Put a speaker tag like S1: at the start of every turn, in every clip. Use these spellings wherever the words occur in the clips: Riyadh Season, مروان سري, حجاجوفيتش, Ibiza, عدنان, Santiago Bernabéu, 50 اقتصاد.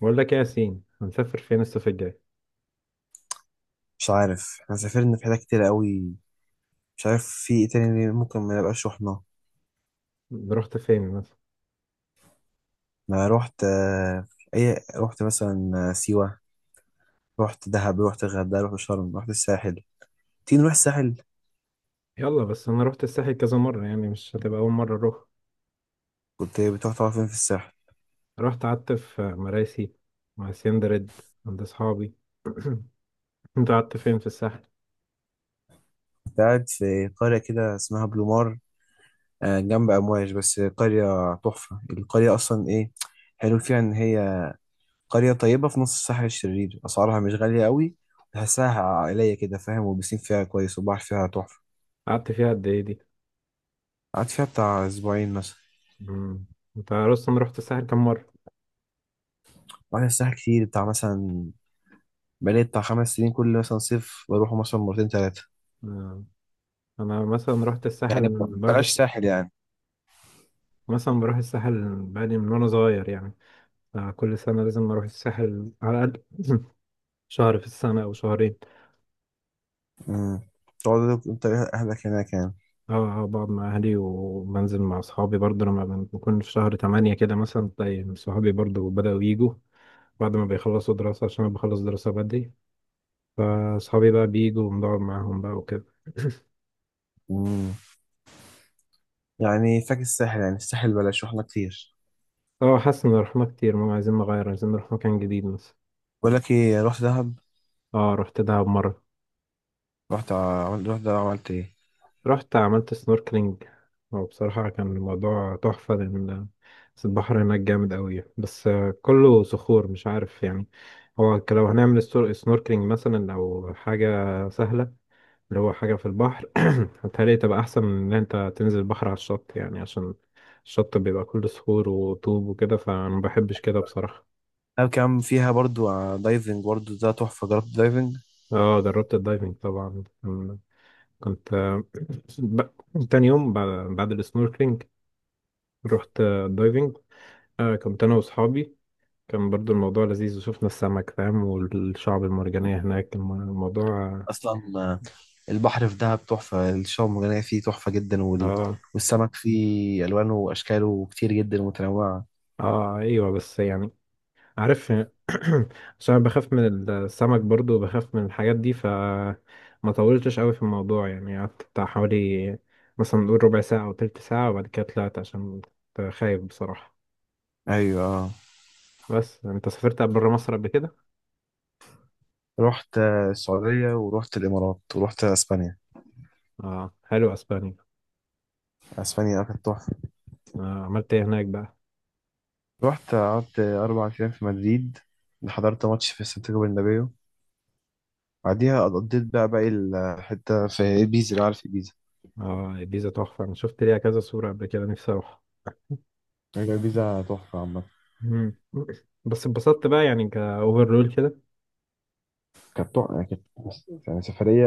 S1: بقول لك ايه يا ياسين، هنسافر فين الصيف الجاي؟
S2: مش عارف احنا سافرنا في حتت كتير قوي. مش عارف في ايه تاني، ممكن ما نبقاش رحنا.
S1: رحت فين مثلا؟
S2: ما رحت. ايه، رحت مثلا سيوة. رحت دهب، رحت الغردقة، رحت شرم، رحت الساحل. تيجي نروح الساحل؟
S1: يلا، بس انا رحت الساحل كذا مره، يعني مش هتبقى اول مره اروح.
S2: كنت بتروح تقعد فين في الساحل؟
S1: رحت قعدت في مراسي مع سندرد عند اصحابي. انت قعدت فين في الساحل؟
S2: كنت قاعد في قرية كده اسمها بلومار. جنب أمواج، بس قرية تحفة. القرية أصلا إيه حلو فيها، إن هي قرية طيبة في نص الساحل الشرير، أسعارها مش غالية قوي، تحسها عائلية كده فاهم، والبسين فيها كويس، والبحر فيها تحفة.
S1: قعدت فيها قد ايه دي؟
S2: قعدت فيها بتاع أسبوعين مثلا.
S1: مم. انت اصلا رحت الساحل كم مره؟
S2: وانا الساحل كتير، بتاع مثلا بقالي بتاع 5 سنين، كل مثلا صيف بروح مثلا مرتين ثلاثة.
S1: آه، انا مثلا رحت الساحل
S2: يعني
S1: من بروح
S2: بلاش ساحل يعني.
S1: مثلا بروح الساحل بقالي من وانا صغير يعني. كل سنه لازم اروح الساحل على الاقل شهر في السنه او شهرين.
S2: امم. تقعد انت اهلك هناك يعني؟
S1: اه، اه، بقعد مع اهلي وبنزل مع اصحابي برضه، لما بكون في شهر تمانية كده مثلا تلاقي صحابي برضه بدأوا يجوا بعد ما بيخلصوا دراسة، عشان انا بخلص دراسة بدري، فاصحابي بقى بيجوا ونقعد معاهم بقى وكده.
S2: امم. يعني فاكر الساحل، يعني الساحل بلاش، رحنا كتير.
S1: اه، حاسس ان رحنا كتير، ماما عايزين نغير، عايزين نروح مكان جديد مثلا.
S2: بقول لك ايه، رحت دهب.
S1: اه، رحت دهب مرة.
S2: رحت ع- عملت رحت دهب، عملت ايه؟
S1: رحت عملت سنوركلينج، وبصراحة كان الموضوع تحفة، لأن البحر هناك جامد أوي، بس كله صخور، مش عارف يعني. هو لو هنعمل سنوركلينج مثلا أو حاجة سهلة، اللي هو حاجة في البحر، هتهيألي تبقى أحسن من إن أنت تنزل البحر على الشط، يعني عشان الشط بيبقى كله صخور وطوب وكده، فما بحبش كده بصراحة.
S2: دهب كان فيها برضو دايفنج، برضو ده تحفة. جربت دايفنج
S1: اه، جربت الدايفنج طبعا، كنت ب... تاني يوم بعد السنوركلينج رحت الدايفنج. كنت أنا وأصحابي. كان برضو الموضوع لذيذ، وشفنا السمك فاهم، والشعب المرجانية هناك الموضوع اه.
S2: اصلا آه، البحر في دهب تحفة، الشعاب المرجانية فيه تحفة جدا،
S1: اه.
S2: والسمك فيه الوانه واشكاله كتير جدا متنوعة.
S1: ايوه بس يعني، عارف، عشان أنا بخاف من السمك برضو، وبخاف من الحاجات دي، ف ما طولتش قوي في الموضوع، يعني قعدت بتاع حوالي، مثلا نقول ربع ساعة أو تلت ساعة، وبعد كده طلعت، عشان كنت خايف بصراحة.
S2: ايوه.
S1: بس أنت سافرت بره مصر قبل كده؟
S2: رحت السعودية، ورحت الإمارات، ورحت أسبانيا.
S1: اه، حلو أسبانيا.
S2: أسبانيا كانت تحفة.
S1: عملت إيه هناك بقى؟
S2: رحت قعدت 4 أيام في مدريد، حضرت ماتش في سانتياغو برنابيو، بعديها قضيت بقى باقي الحتة في إيبيزا، اللي عارف إيبيزا.
S1: اه، الجيزة تحفة، أنا شفت ليها كذا صورة قبل كده، نفسي أروح.
S2: هي إيبيزا تحفة عامة.
S1: مم. بس اتبسطت بقى يعني، كأوفر رول كده.
S2: كانت تحفة يعني، كانت يعني سفرية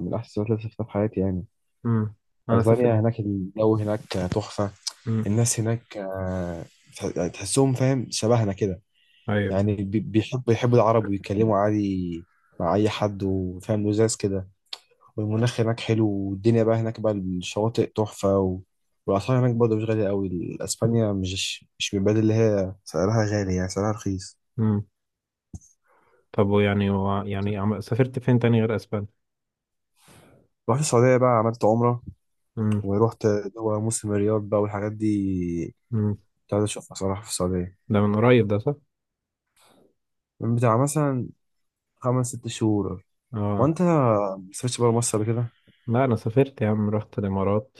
S2: من أحسن السفرات اللي سافرتها في حياتي يعني.
S1: مم. أنا سافرت.
S2: أسبانيا هناك، الجو هناك تحفة.
S1: مم.
S2: الناس هناك تحسهم فاهم شبهنا كده.
S1: أيوه.
S2: يعني بيحبوا العرب، ويتكلموا عادي مع أي حد، وفاهم لزاز كده. والمناخ هناك حلو، والدنيا بقى هناك بقى الشواطئ تحفة. والأسعار هناك برضه مش غالية أوي. أسبانيا مش من البلاد اللي هي سعرها غالي، يعني سعرها رخيص.
S1: مم. طب ويعني يعني سافرت فين تاني غير أسبانيا؟
S2: رحت السعودية بقى، عملت عمرة،
S1: مم.
S2: ورحت، دول موسم الرياض بقى والحاجات دي.
S1: مم.
S2: كنت عايز أشوفها صراحة في السعودية،
S1: ده من قريب ده، صح؟
S2: من بتاع مثلا خمس ست شهور.
S1: اه.
S2: وأنت ما سافرتش بره مصر قبل كده؟
S1: لا، انا سافرت يا عم، رحت الامارات،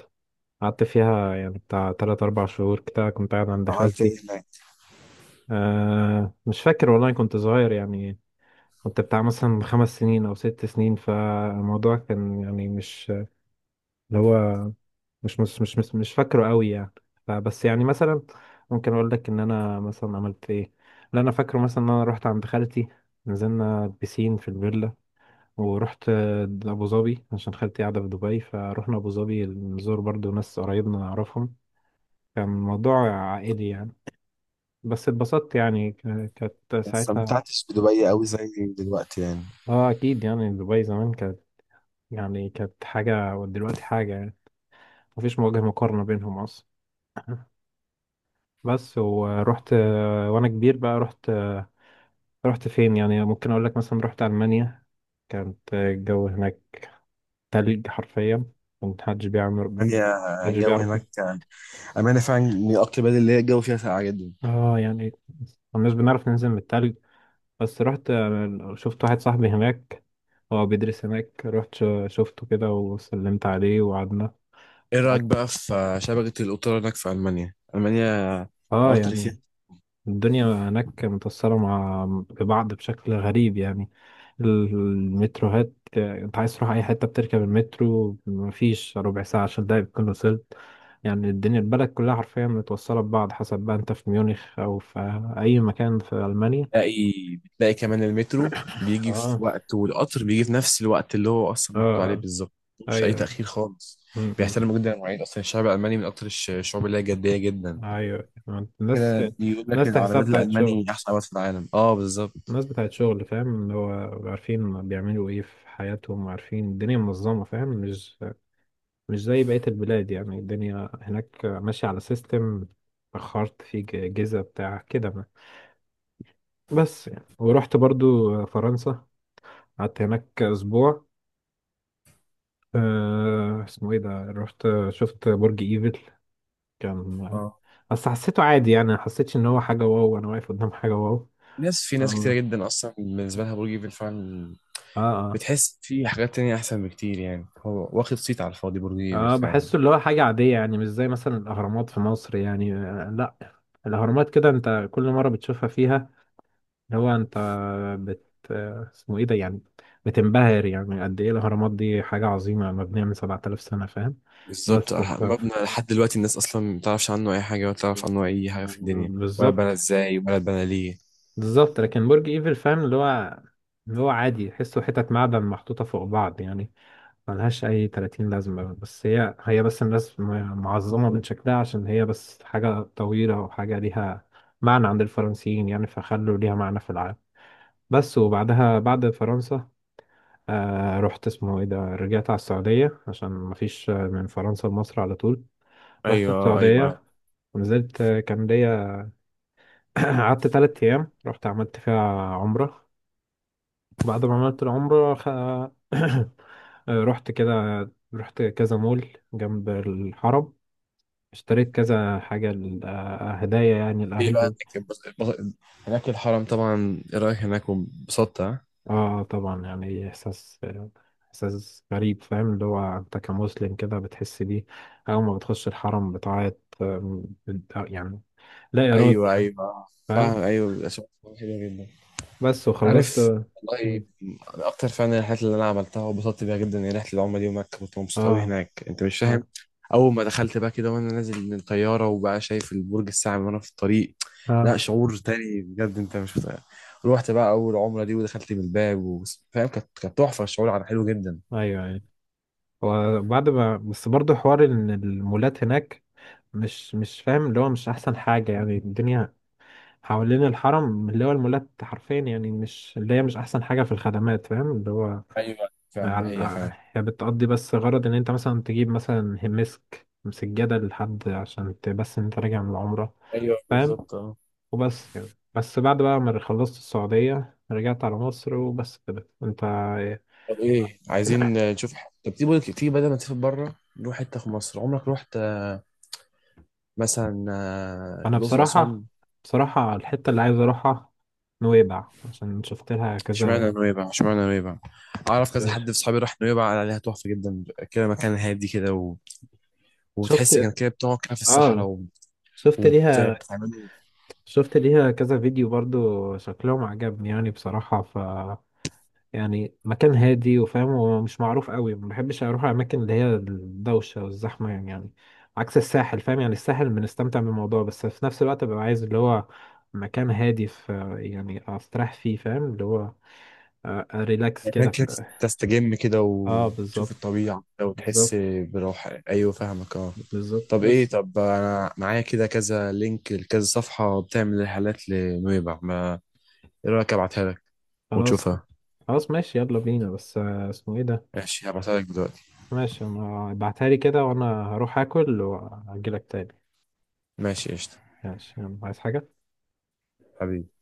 S1: قعدت فيها يعني بتاع تلات اربع شهور كده، كنت قاعد عند
S2: عملت إيه
S1: خالتي.
S2: هناك؟
S1: مش فاكر والله، كنت صغير يعني، كنت بتاع مثلا خمس سنين او ست سنين، فالموضوع كان يعني، مش اللي هو، مش فاكره قوي يعني. فبس يعني مثلا ممكن اقول لك ان انا مثلا عملت ايه. اللي انا فاكره مثلا ان انا رحت عند خالتي، نزلنا بسين في الفيلا، ورحت أبو ظبي، عشان خالتي قاعدة في دبي، فروحنا أبو ظبي نزور برضو ناس قريبنا نعرفهم. كان موضوع عائلي يعني. بس اتبسطت يعني، كانت
S2: ما
S1: ساعتها.
S2: استمتعتش بدبي أوي زي دلوقتي يعني.
S1: اه، أكيد يعني، دبي زمان كانت يعني، كانت حاجة، ودلوقتي حاجة يعني، مفيش وجه مقارنة بينهم أصلا. بس ورحت وأنا كبير بقى، رحت رحت فين يعني؟ ممكن أقول لك مثلا رحت ألمانيا. كانت الجو هناك تلج حرفيا، كان محدش بيعمل،
S2: ألمانيا
S1: محدش
S2: الجو
S1: بيعرف.
S2: هناك أمانة فعلا من أكتر البلاد اللي هي الجو فيها ساقعة جدا.
S1: اه يعني، مش بنعرف ننزل من التلج. بس رحت، شفت واحد صاحبي هناك، هو بيدرس هناك، رحت شفته كده، وسلمت عليه وقعدنا.
S2: ايه رايك
S1: قعدت.
S2: بقى في شبكه القطار هناك في المانيا؟ المانيا
S1: اه
S2: القطر فيها،
S1: يعني، الدنيا هناك متأثرة مع ببعض بشكل غريب يعني. ال- المتروهات، انت عايز تروح اي حتة بتركب المترو، مفيش ربع ساعة عشان ده بتكون وصلت، يعني الدنيا، البلد كلها حرفيا متوصلة ببعض، حسب بقى انت في ميونخ او في اي مكان في المانيا.
S2: بتلاقي بتلاقي كمان المترو بيجي
S1: اه.
S2: في وقت، والقطر بيجي في نفس الوقت اللي هو اصلا محطوط عليه
S1: اه.
S2: بالظبط. مش
S1: ايوه،
S2: اي
S1: ايوه.
S2: تاخير خالص.
S1: م- م.
S2: بيحترموا جدا المواعيد، اصلا الشعب الالماني من اكتر الشعوب اللي هي جديه جدا
S1: ايوه، ايوه. الناس،
S2: كده. بيقول لك
S1: الناس تحسها
S2: العربيات
S1: بتاعت شغل،
S2: الالماني احسن عربيات في العالم. اه، بالظبط.
S1: الناس بتاعت شغل، فاهم اللي هو عارفين بيعملوا ايه في حياتهم، وعارفين الدنيا منظمة، فاهم، مش زي بقية البلاد يعني، الدنيا هناك ماشية على سيستم. اخرت في جيزة بتاع كده ما. بس يعني، ورحت برضو فرنسا، قعدت هناك اسبوع. اسمه ايه ده، رحت شفت برج ايفل، كان،
S2: اه،
S1: بس حسيته عادي يعني، ما حسيتش ان هو حاجة واو، انا واقف قدام حاجة واو.
S2: ناس في ناس كتيره
S1: آه.
S2: جدا اصلا، بالنسبه لها برج ايفل فعلا.
S1: اه، اه.
S2: بتحس في حاجات تانية احسن بكتير، يعني هو واخد صيت على الفاضي برج ايفل
S1: اه،
S2: فعلا.
S1: بحسه اللي هو حاجة عادية يعني، مش زي مثلا الأهرامات في مصر يعني، لا، الأهرامات كده انت كل مرة بتشوفها فيها اللي هو انت، بت آه، اسمه ايه ده يعني، بتنبهر يعني قد ايه الأهرامات دي حاجة عظيمة، مبنية من 7000 سنة، فاهم؟
S2: بالظبط.
S1: بس
S2: اه،
S1: ف... ف-
S2: مبنى لحد دلوقتي، الناس اصلا ما تعرفش عنه اي حاجه، ولا تعرف عنه اي حاجه في الدنيا، ولا اتبنى
S1: بالظبط،
S2: ازاي ولا اتبنى ليه.
S1: بالظبط، لكن برج ايفل فاهم اللي هو، اللي هو عادي، تحسه حتت معدن محطوطة فوق بعض يعني، ملهاش أي 30 لازمة، بس هي، هي بس الناس معظمة من شكلها، عشان هي بس حاجة طويلة وحاجة ليها معنى عند الفرنسيين يعني، فخلوا ليها معنى في العالم. بس، وبعدها بعد فرنسا رحت، اسمه ايه ده، رجعت على السعودية، عشان مفيش من فرنسا لمصر على طول. رحت
S2: ايوه، ايوه.
S1: السعودية، ونزلت، كان ليا قعدت تلات أيام، رحت عملت فيها عمرة. وبعد ما عملت العمرة. رحت كده، رحت كذا مول جنب الحرم، اشتريت كذا حاجة هدايا يعني
S2: ايه بقى
S1: لأهلي.
S2: هناك، هناك الحرم طبعا. ايه رايك هناك، وانبسطت ها؟
S1: اه طبعا يعني، إحساس، إحساس غريب فاهم، اللي هو أنت كمسلم كده بتحس بيه. أول ما بتخش الحرم بتعيط، آم، بت- آه، يعني لا إرادة
S2: ايوه
S1: يعني،
S2: ايوه آه. فاهم،
S1: فاهم.
S2: ايوه، بيبقى شغل حلو جدا.
S1: بس، وخلصت
S2: عارف
S1: اه.
S2: والله، انا اكتر فعلا من الرحلات اللي انا عملتها وانبسطت بيها جدا هي رحله العمره دي، ومكه كنت مبسوط
S1: اه،
S2: قوي هناك، انت مش
S1: اه.
S2: فاهم. اول ما دخلت بقى كده وانا نازل من الطياره وبقى شايف البرج الساعه وانا في الطريق، لا
S1: آه،
S2: شعور تاني بجد انت مش متخيل. روحت بقى اول عمره دي، ودخلت من الباب فاهم، كانت تحفه، الشعور على حلو جدا.
S1: أيوه، أيوه. وبعد ما بس برضه حوار إن المولات هناك، مش فاهم اللي هو، مش احسن حاجة يعني. الدنيا حوالين الحرم اللي هو المولات حرفيا يعني، مش اللي هي مش احسن حاجة في الخدمات فاهم، اللي هو
S2: ايوه فعلا، دي حقيقه
S1: على،
S2: فعلا.
S1: هي بتقضي بس غرض ان انت مثلا تجيب مثلا مسك سجادة لحد، عشان بس ان انت راجع من العمرة،
S2: ايوه
S1: فاهم.
S2: بالظبط، اه.
S1: وبس يعني، بس بعد بقى ما خلصت السعودية، رجعت على مصر، وبس كده. انت إيه؟
S2: طب ايه، عايزين نشوف طب تيجي تيجي بدل ما تسافر بره، نروح حته في مصر. عمرك رحت، مثلا
S1: انا
S2: الاقصر،
S1: بصراحة،
S2: اسوان؟
S1: بصراحة الحتة اللي عايز اروحها نويبع، عشان شفت لها كذا،
S2: اشمعنى نويبع، اشمعنى نويبع؟ اعرف كذا حد في صحابي راح نويبع قال عليها تحفه جدا، كده مكان هادي كده،
S1: شفت،
S2: وبتحس كان كده بتقعد كده في الصحراء
S1: اه،
S2: و...
S1: شفت ليها،
S2: وبتعملوا
S1: شفت ليها كذا فيديو برضو، شكلهم عجبني يعني بصراحة، ف يعني مكان هادي وفاهم ومش معروف قوي. ما بحبش اروح الاماكن اللي هي الدوشة والزحمة يعني، عكس الساحل، فاهم؟ يعني الساحل بنستمتع بالموضوع، بس في نفس الوقت ببقى عايز اللي هو مكان هادي، في يعني استريح فيه، فاهم اللي هو، ريلاكس
S2: مكان
S1: كده.
S2: كده، تستجم كده
S1: اه،
S2: وتشوف
S1: بالظبط،
S2: الطبيعه كده وتحس
S1: بالظبط،
S2: براحه. ايوه، فاهمك اه.
S1: بالظبط
S2: طب ايه،
S1: بس.
S2: طب انا معايا كده كذا لينك لكذا صفحه بتعمل رحلات لنويبع، ما ايه رايك، ابعتها لك
S1: خلاص،
S2: وتشوفها.
S1: خلاص ماشي، يلا بينا، بس اسمه ايه ده.
S2: ماشي، هبعتها لك دلوقتي.
S1: ماشي انا، ابعتها لي كده، وانا هروح اكل واجي لك تاني.
S2: ماشي قشطه.
S1: ماشي، يلا، عايز حاجة؟
S2: حبيبي.